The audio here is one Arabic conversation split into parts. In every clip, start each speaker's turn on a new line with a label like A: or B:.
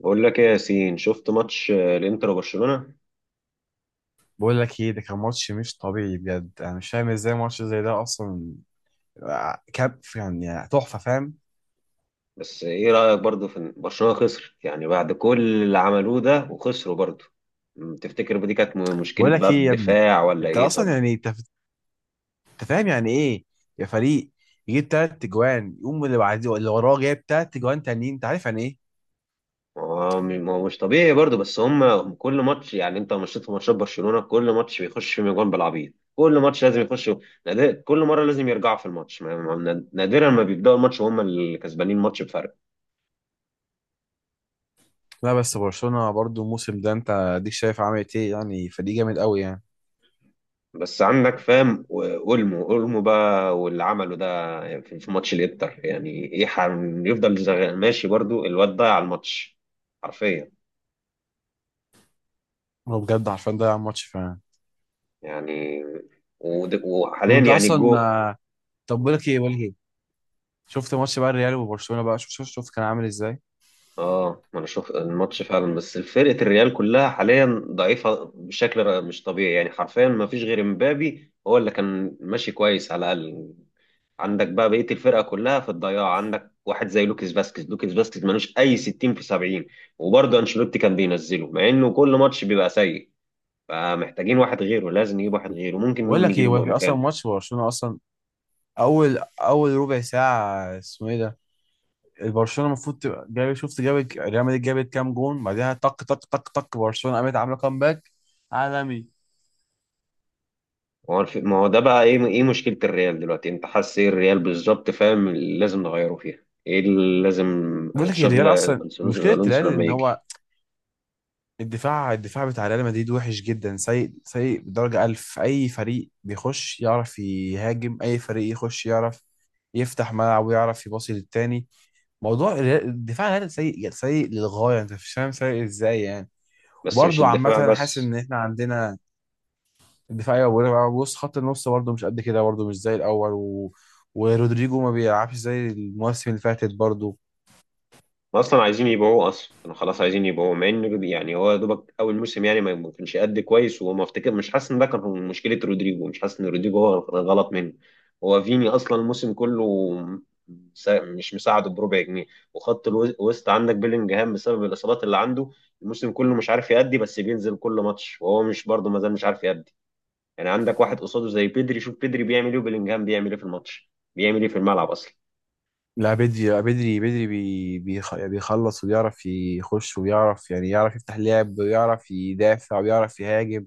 A: بقول لك ايه يا ياسين؟ شفت ماتش الانتر وبرشلونة.
B: بقول لك ايه، ده كان ماتش مش طبيعي بجد. انا مش فاهم ازاي ماتش زي ده اصلا. كاب يعني تحفه، فاهم؟
A: بس ايه رأيك برضه في إن برشلونة خسر؟ يعني بعد كل اللي عملوه ده وخسروا برضه. تفتكر دي كانت مشكلة
B: بقول
A: بقى
B: لك ايه يا ابني،
A: الدفاع ولا
B: انت
A: ايه؟
B: اصلا
A: طب
B: يعني أنت فاهم يعني ايه يا فريق يجيب تلات اجوان، يقوم اللي بعديه اللي وراه جايب تلات اجوان تانيين؟ انت عارف يعني ايه؟
A: ما هو ما هو مش طبيعي برضه، بس هم كل ماتش، يعني انت مشيت في ماتشات برشلونة كل ماتش بيخش فيهم اجوان بالعبيط، كل ماتش لازم يخش. كل مرة لازم يرجعوا في الماتش، نادرا ما بيبدأوا الماتش وهم اللي كسبانين الماتش بفرق.
B: لا بس برشلونه برضو الموسم ده انت اديك شايف عملت ايه، يعني فريق جامد قوي يعني.
A: بس عندك فاهم، اولمو اولمو بقى واللي عمله ده في ماتش الانتر يعني ايه؟ يفضل ماشي برضو، الواد ضيع الماتش حرفيا.
B: هو بجد عارفين ده ماتش فعلا.
A: يعني
B: طب
A: وحاليا
B: انت
A: يعني
B: اصلا
A: الجو.
B: طب بقول لك ايه، شفت ماتش بقى الريال وبرشلونه بقى؟ شوف شوف شوف كان عامل ازاي.
A: اه، ما انا شوف الماتش فعلا، بس فرقه الريال كلها حاليا ضعيفه بشكل مش طبيعي، يعني حرفيا ما فيش غير مبابي هو اللي كان ماشي كويس على الاقل. عندك بقى بقيه الفرقه كلها في الضياع، عندك واحد زي لوكيس فاسكيز لوكيس فاسكيز ملوش اي 60 في 70، وبرضه انشيلوتي كان بينزله مع انه كل ماتش بيبقى سيء. فمحتاجين واحد غيره، لازم نجيب واحد غيره، ممكن
B: بقول
A: مين
B: لك ايه،
A: نجيبه
B: هو في اصلا
A: مكانه؟
B: ماتش برشلونه اصلا اول ربع ساعه اسمه ايه ده! البرشلونه المفروض تبقى جايب، شفت جابت ريال مدريد جابت كام جون، بعدها طق طق طق طق برشلونه قامت عامله كامباك عالمي.
A: ما هو ما هو ده بقى ايه؟ ايه مشكله الريال دلوقتي؟ انت حاسس ايه الريال بالظبط؟ فاهم اللي لازم نغيره فيها؟ ايه اللي لازم؟
B: بقول لك إيه،
A: تشافي
B: الريال اصلا
A: الونسو،
B: مشكله الريال
A: الونسو لما
B: ان هو
A: يجي.
B: الدفاع بتاع ريال مدريد وحش جدا، سيء سيء بدرجه ألف. اي فريق بيخش يعرف يهاجم، اي فريق يخش يعرف يفتح ملعب ويعرف يباصي للتاني. موضوع الريال، الدفاع الريال سيء سيء للغايه، انت مش فاهم سيء ازاي يعني.
A: بس مش
B: وبرضه عامة
A: الدفاع
B: أنا حاسس
A: بس.
B: إن إحنا عندنا دفاعية، وبص خط النص برضه مش قد كده، برضه مش زي الأول ورودريجو ما بيلعبش زي المواسم اللي فاتت برضه.
A: ما اصلا عايزين يبيعوه اصلا، كانوا خلاص عايزين يبيعوه، مع ان يعني هو يا دوبك اول موسم يعني ما كانش قد كويس، وما افتكر مش حاسس ان ده كان مشكله رودريجو، مش حاسس ان رودريجو هو كان غلط منه. هو فيني اصلا الموسم كله مش مساعده بربع جنيه. وخط الوسط عندك بيلينجهام بسبب الاصابات اللي عنده، الموسم كله مش عارف يأدي، بس بينزل كل ماتش وهو مش برضه ما زال مش عارف يأدي. يعني عندك واحد قصاده زي بيدري، شوف بيدري بيعمل ايه وبيلينجهام بيعمل ايه في الماتش، بيعمل ايه في الملعب اصلا.
B: لا بدري، لا بدري، بيخلص وبيعرف يخش وبيعرف يعني يعرف يفتح لعب ويعرف يدافع ويعرف يهاجم.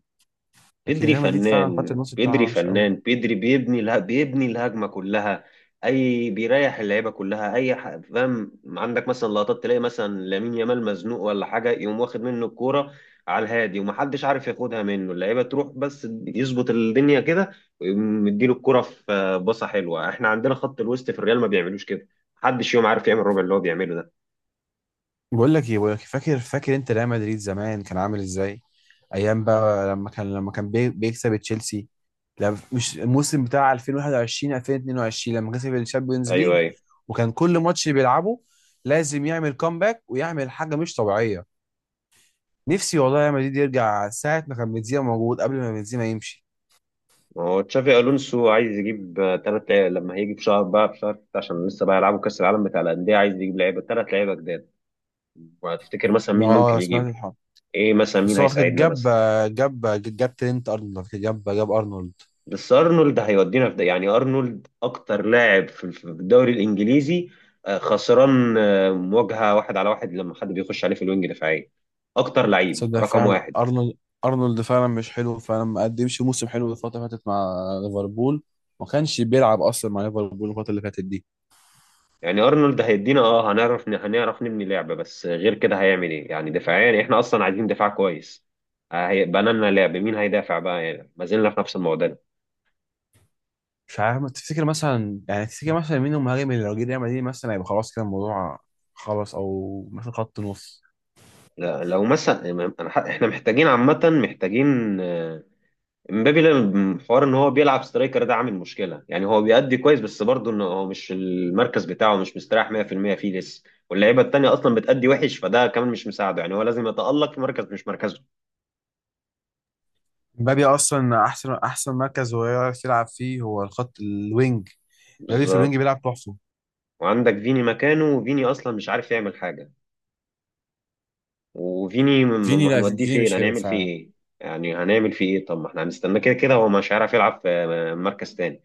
B: لكن
A: بيدري
B: ريال مدريد فعلا خط
A: فنان،
B: النص بتاعها
A: بيدري
B: وحش أوي.
A: فنان، بيدري بيبني لها، بيبني الهجمه كلها، اي بيريح اللعيبه كلها. اي فاهم؟ عندك مثلا لقطات تلاقي مثلا لامين يامال مزنوق ولا حاجه، يقوم واخد منه الكوره على الهادي، ومحدش عارف ياخدها منه، اللعيبه تروح بس يظبط الدنيا كده ويقوم مديله الكوره في باصه حلوه. احنا عندنا خط الوسط في الريال ما بيعملوش كده، محدش يوم عارف يعمل الربع اللي هو بيعمله ده.
B: بقول لك ايه، بقول لك، فاكر انت ريال مدريد زمان كان عامل ازاي؟ ايام بقى لما كان بيكسب تشيلسي. لا مش الموسم بتاع 2021 2022 لما كسب الشامبيونز
A: ايوه،
B: ليج.
A: ايوه.
B: وكان كل ماتش بيلعبه لازم يعمل كومباك ويعمل حاجه مش طبيعيه. نفسي والله ريال مدريد يرجع ساعه ما كان بنزيما موجود، قبل ما بنزيما يمشي.
A: ما هو تشافي الونسو عايز يجيب ثلاث لعيبه لما هيجي في شهر بقى، في شهر ستة، عشان لسه بقى يلعبوا كاس العالم بتاع الانديه. عايز يجيب لعيبه، ثلاث لعيبه جداد. وهتفتكر مثلا مين ممكن
B: اه سمعت
A: يجيبه؟
B: الحوار.
A: ايه مثلا مين
B: بس هو فاكر،
A: هيساعدنا
B: جاب
A: مثلا؟
B: جاب جاب ترينت ارنولد، فاكر جاب ارنولد.
A: بس ارنولد هيودينا في ده؟ يعني ارنولد اكتر لاعب في الدوري الانجليزي خسران مواجهه واحد على واحد لما حد بيخش عليه في الوينج، دفاعيه، اكتر لعيب
B: تصدق
A: رقم
B: فعلا
A: واحد.
B: ارنولد فعلا مش حلو فعلا، ما قدمش موسم حلو الفتره اللي فاتت مع ليفربول. ما كانش بيلعب اصلا مع ليفربول الفتره اللي فاتت دي.
A: يعني ارنولد هيدينا، اه هنعرف هنعرف نبني لعبه، بس غير كده هيعمل ايه؟ يعني دفاعيا احنا اصلا عايزين دفاع كويس، هيبقى لنا لعب، مين هيدافع بقى؟ يعني ما زلنا في نفس المعضله.
B: مش عارف، ما تفتكر مثلا، يعني تفتكر مثلا مين المهاجم اللي لو جه ريال مدريد مثلا هيبقى خلاص كده الموضوع خلاص، او مثلا خط نص؟
A: لا، لو مثلا أنا احنا محتاجين عامه، محتاجين امبابي. حوار ان هو بيلعب سترايكر ده عامل مشكله، يعني هو بيأدي كويس بس برضه ان هو مش المركز بتاعه، مش مستريح 100% فيه لسه. واللعيبه التانيه اصلا بتأدي وحش، فده كمان مش مساعده، يعني هو لازم يتألق في مركز مش مركزه.
B: مبابي اصلا احسن مركز هو يعرف يلعب فيه هو الخط الوينج. مبابي في
A: بالظبط.
B: الوينج بيلعب تحفه.
A: وعندك فيني مكانه، وفيني اصلا مش عارف يعمل حاجه، وفيني
B: فيني، لا
A: هنوديه
B: فيني
A: فين؟
B: مش حلو
A: هنعمل فيه
B: فعلا.
A: ايه؟ يعني هنعمل فيه ايه؟ طب ما احنا هنستناه كده كده، هو مش هيعرف يلعب في مركز تاني.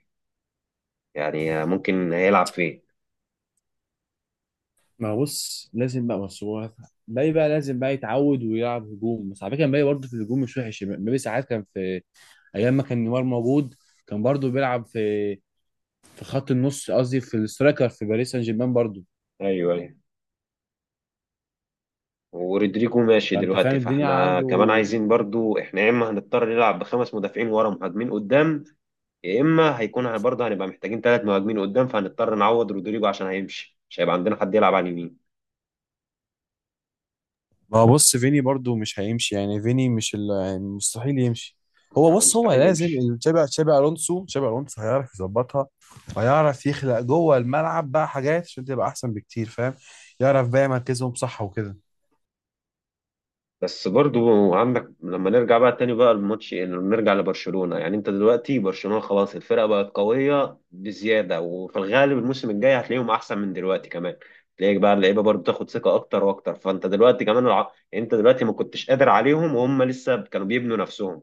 A: يعني ممكن هيلعب فين؟
B: ما بص لازم بقى بس هو مبابي بقى لازم بقى يتعود ويلعب هجوم. بس على فكره مبابي برضه في الهجوم مش وحش. مبابي ساعات كان في ايام ما كان نيمار موجود، كان برضه بيلعب في خط النص، قصدي في السترايكر في باريس سان جيرمان برضه.
A: ايوه، ايوه. ورودريجو ماشي
B: فانت فاهم
A: دلوقتي،
B: الدنيا
A: فاحنا
B: عنده.
A: كمان عايزين برضو، احنا يا اما هنضطر نلعب بخمس مدافعين ورا مهاجمين قدام، يا اما هيكون برضه هنبقى محتاجين ثلاث مهاجمين قدام، فهنضطر نعوض رودريجو عشان هيمشي، مش هيبقى عندنا حد يلعب على اليمين.
B: ما هو بص، فيني برضو مش هيمشي يعني، فيني مش يعني مستحيل يمشي.
A: يعني
B: هو
A: هو
B: بص هو
A: مستحيل
B: لازم
A: يمشي.
B: تشابي الونسو هيعرف يظبطها، وهيعرف يخلق جوه الملعب بقى حاجات عشان تبقى احسن بكتير، فاهم؟ يعرف بقى مركزهم صح وكده.
A: بس برضو عندك، لما نرجع بقى تاني بقى الماتش، يعني نرجع لبرشلونة، يعني انت دلوقتي برشلونة خلاص الفرقة بقت قوية بزيادة، وفي الغالب الموسم الجاي هتلاقيهم احسن من دلوقتي كمان. تلاقيك بقى اللعيبة برضو تاخد ثقة اكتر واكتر، فانت دلوقتي كمان يعني انت دلوقتي ما كنتش قادر عليهم وهم لسه كانوا بيبنوا نفسهم.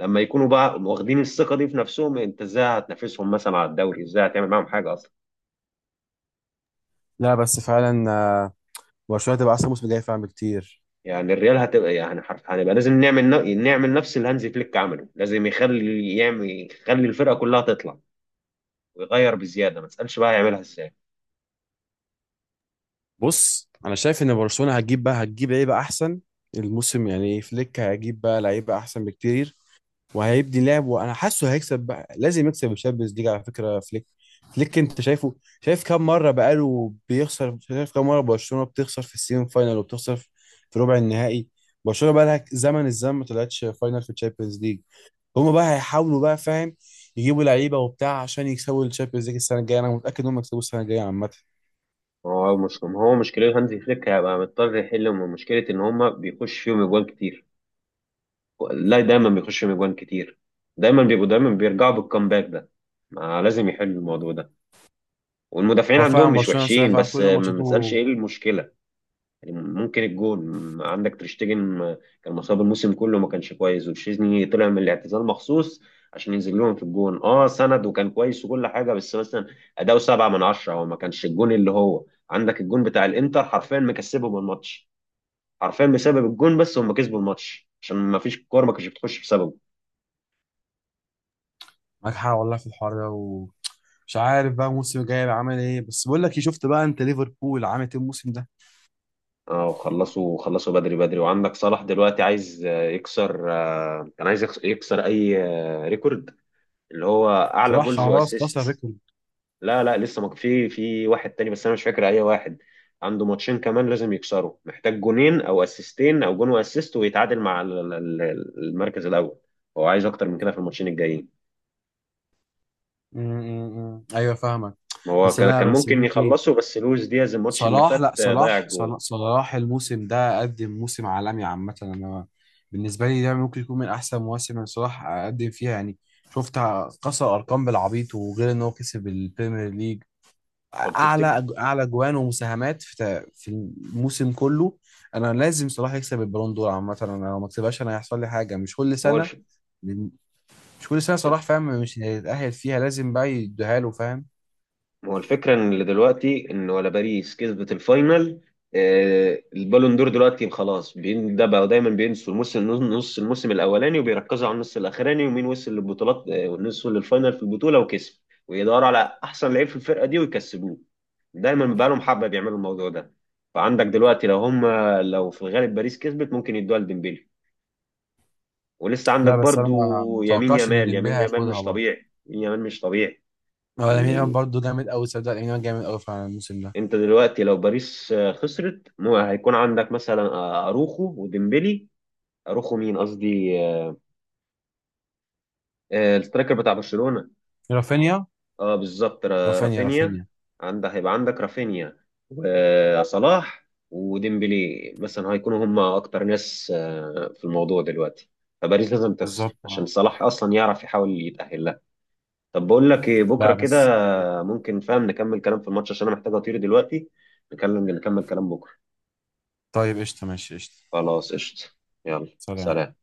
A: لما يكونوا بقى واخدين الثقة دي في نفسهم، انت ازاي هتنافسهم مثلا على الدوري؟ ازاي هتعمل معاهم حاجة اصلا؟
B: لا بس فعلا، برشلونه تبقى احسن موسم جاي فعلا بكتير.
A: يعني الريال هتبقى، يعني حرف هنبقى لازم نعمل نعمل نفس اللي هانزي فليك عمله، لازم يخلي يعمل يخلي الفرقه كلها تطلع، ويغير بزياده، ما تسالش بقى يعملها ازاي.
B: بص انا شايف ان برشلونه هتجيب لعيبه احسن الموسم، يعني فليك هيجيب بقى لعيبه احسن بكتير. وهيبدي لعب، وانا حاسه هيكسب بقى، لازم يكسب الشامبيونز ليج على فكره فليك انت شايفه؟ شايف كام مره بقاله بيخسر، شايف كام مره برشلونه بتخسر في السيمي فاينال وبتخسر في ربع النهائي. برشلونه بقى لها زمن الزمن ما طلعتش فاينال في الشامبيونز ليج. هما بقى هيحاولوا بقى، فاهم، يجيبوا لعيبه وبتاع عشان يكسبوا الشامبيونز ليج السنه الجايه. انا متاكد ان هم يكسبوا السنه الجايه عامه.
A: هو مش، ما هو مشكله هانزي فليك هيبقى مضطر يحل من مشكله ان هما بيخش فيهم اجوان كتير. لا، دايما بيخش فيهم اجوان كتير، دايما بيبقوا دايما بيرجعوا بالكامباك ده. ما لازم يحل الموضوع ده. والمدافعين
B: هو
A: عندهم
B: فعلا
A: مش
B: برشلونه صراحة
A: وحشين،
B: فعلا
A: بس
B: كل
A: ما تسالش
B: ماتشاته
A: ايه المشكله. يعني ممكن الجون، عندك تريشتجن كان مصاب الموسم كله ما كانش كويس، وتشيزني طلع من الاعتزال مخصوص عشان ينزل لهم في الجون، اه سند وكان كويس وكل حاجه، بس مثلا اداؤه 7 من 10، هو ما كانش الجون اللي هو عندك الجون بتاع الانتر حرفيا مكسبهم الماتش حرفيا بسبب الجون، بس هم كسبوا الماتش عشان ما فيش كوره ما كانتش بتخش بسببه.
B: ناجحه، والله في الحوار ده، ومش عارف بقى الموسم الجاي هيبقى عامل ايه. بس بقول لك إيه، شفت بقى انت ليفربول عامل ايه الموسم ده؟
A: اه، وخلصوا خلصوا بدري بدري. وعندك صلاح دلوقتي عايز يكسر كان عايز يكسر اي ريكورد، اللي هو اعلى
B: صراحه
A: جولز
B: خلاص كسر
A: واسيست.
B: ريكورد.
A: لا، لا، لسه ما في، في واحد تاني بس انا مش فاكر اي واحد. عنده ماتشين كمان لازم يكسروا، محتاج جونين او اسيستين او جون واسيست ويتعادل مع المركز الاول. هو عايز اكتر من كده في الماتشين الجايين.
B: م- م- م. ايوه، فاهمك.
A: ما هو
B: بس لا
A: كان
B: بس
A: ممكن
B: بقول لك ايه،
A: يخلصوا، بس لويس دياز الماتش اللي
B: صلاح،
A: فات
B: لا
A: ضيع
B: صلاح
A: الجول.
B: صلاح, صلاح الموسم ده قدم موسم عالمي. عامة أنا بالنسبة لي ده ممكن يكون من أحسن مواسم اللي صلاح قدم فيها يعني، شفت كسر أرقام بالعبيط. وغير إن هو كسب البريمير ليج
A: طب تفتكر؟
B: أعلى جوان ومساهمات في في الموسم كله. أنا لازم صلاح يكسب البالون دور، عامة أنا لو ما كسبهاش أنا هيحصل لي حاجة. مش كل
A: ما هو
B: سنة، مش صلاح، فاهم، مش هيتأهل فيها، لازم بقى يديها له فاهم.
A: ما هو الفكرة ان دلوقتي، ان ولا باريس كسبت الفاينل. البالون دور دلوقتي خلاص ده بقى دايما بينسوا الموسم، نص الموسم الاولاني، وبيركزوا على النص الاخراني، ومين وصل للبطولات والنص للفاينل في البطولة وكسب، ويدوروا على احسن لعيب في الفرقة دي ويكسبوه. دايما بقى لهم حبة بيعملوا الموضوع ده. فعندك دلوقتي لو هم، لو في الغالب باريس كسبت ممكن يدوها لديمبلي. ولسه عندك
B: لا بس أنا
A: برضو
B: ما
A: يمين
B: متوقعش إن
A: يامال،
B: ديمبلي
A: يمين يامال
B: هياخدها
A: مش
B: برضه.
A: طبيعي، يمين يامال مش طبيعي.
B: هو لامين يامال برضه جامد قوي، صدق لامين يامال جامد قوي فعلا الموسم ده.
A: انت دلوقتي لو باريس خسرت، هيكون عندك مثلا اروخو وديمبلي. اروخو مين قصدي السترايكر بتاع برشلونة.
B: رافينيا،
A: اه بالظبط،
B: رافينيا،
A: رافينيا.
B: رافينيا،
A: عندك هيبقى عندك رافينيا وصلاح وديمبلي، مثلا هيكونوا هم اكتر ناس في الموضوع دلوقتي، فباريس لازم تخسر
B: بالظبط
A: عشان
B: آه.
A: صلاح اصلا يعرف يحاول يتأهل لها. طب بقول لك ايه، بكره
B: لا
A: كده
B: بس.
A: ممكن فاهم نكمل كلام في الماتش، عشان انا محتاج اطير دلوقتي. نكلم نكمل كلام بكره.
B: طيب قشطة، ماشي قشطة.
A: خلاص قشطة. يلا،
B: سلام.
A: سلام.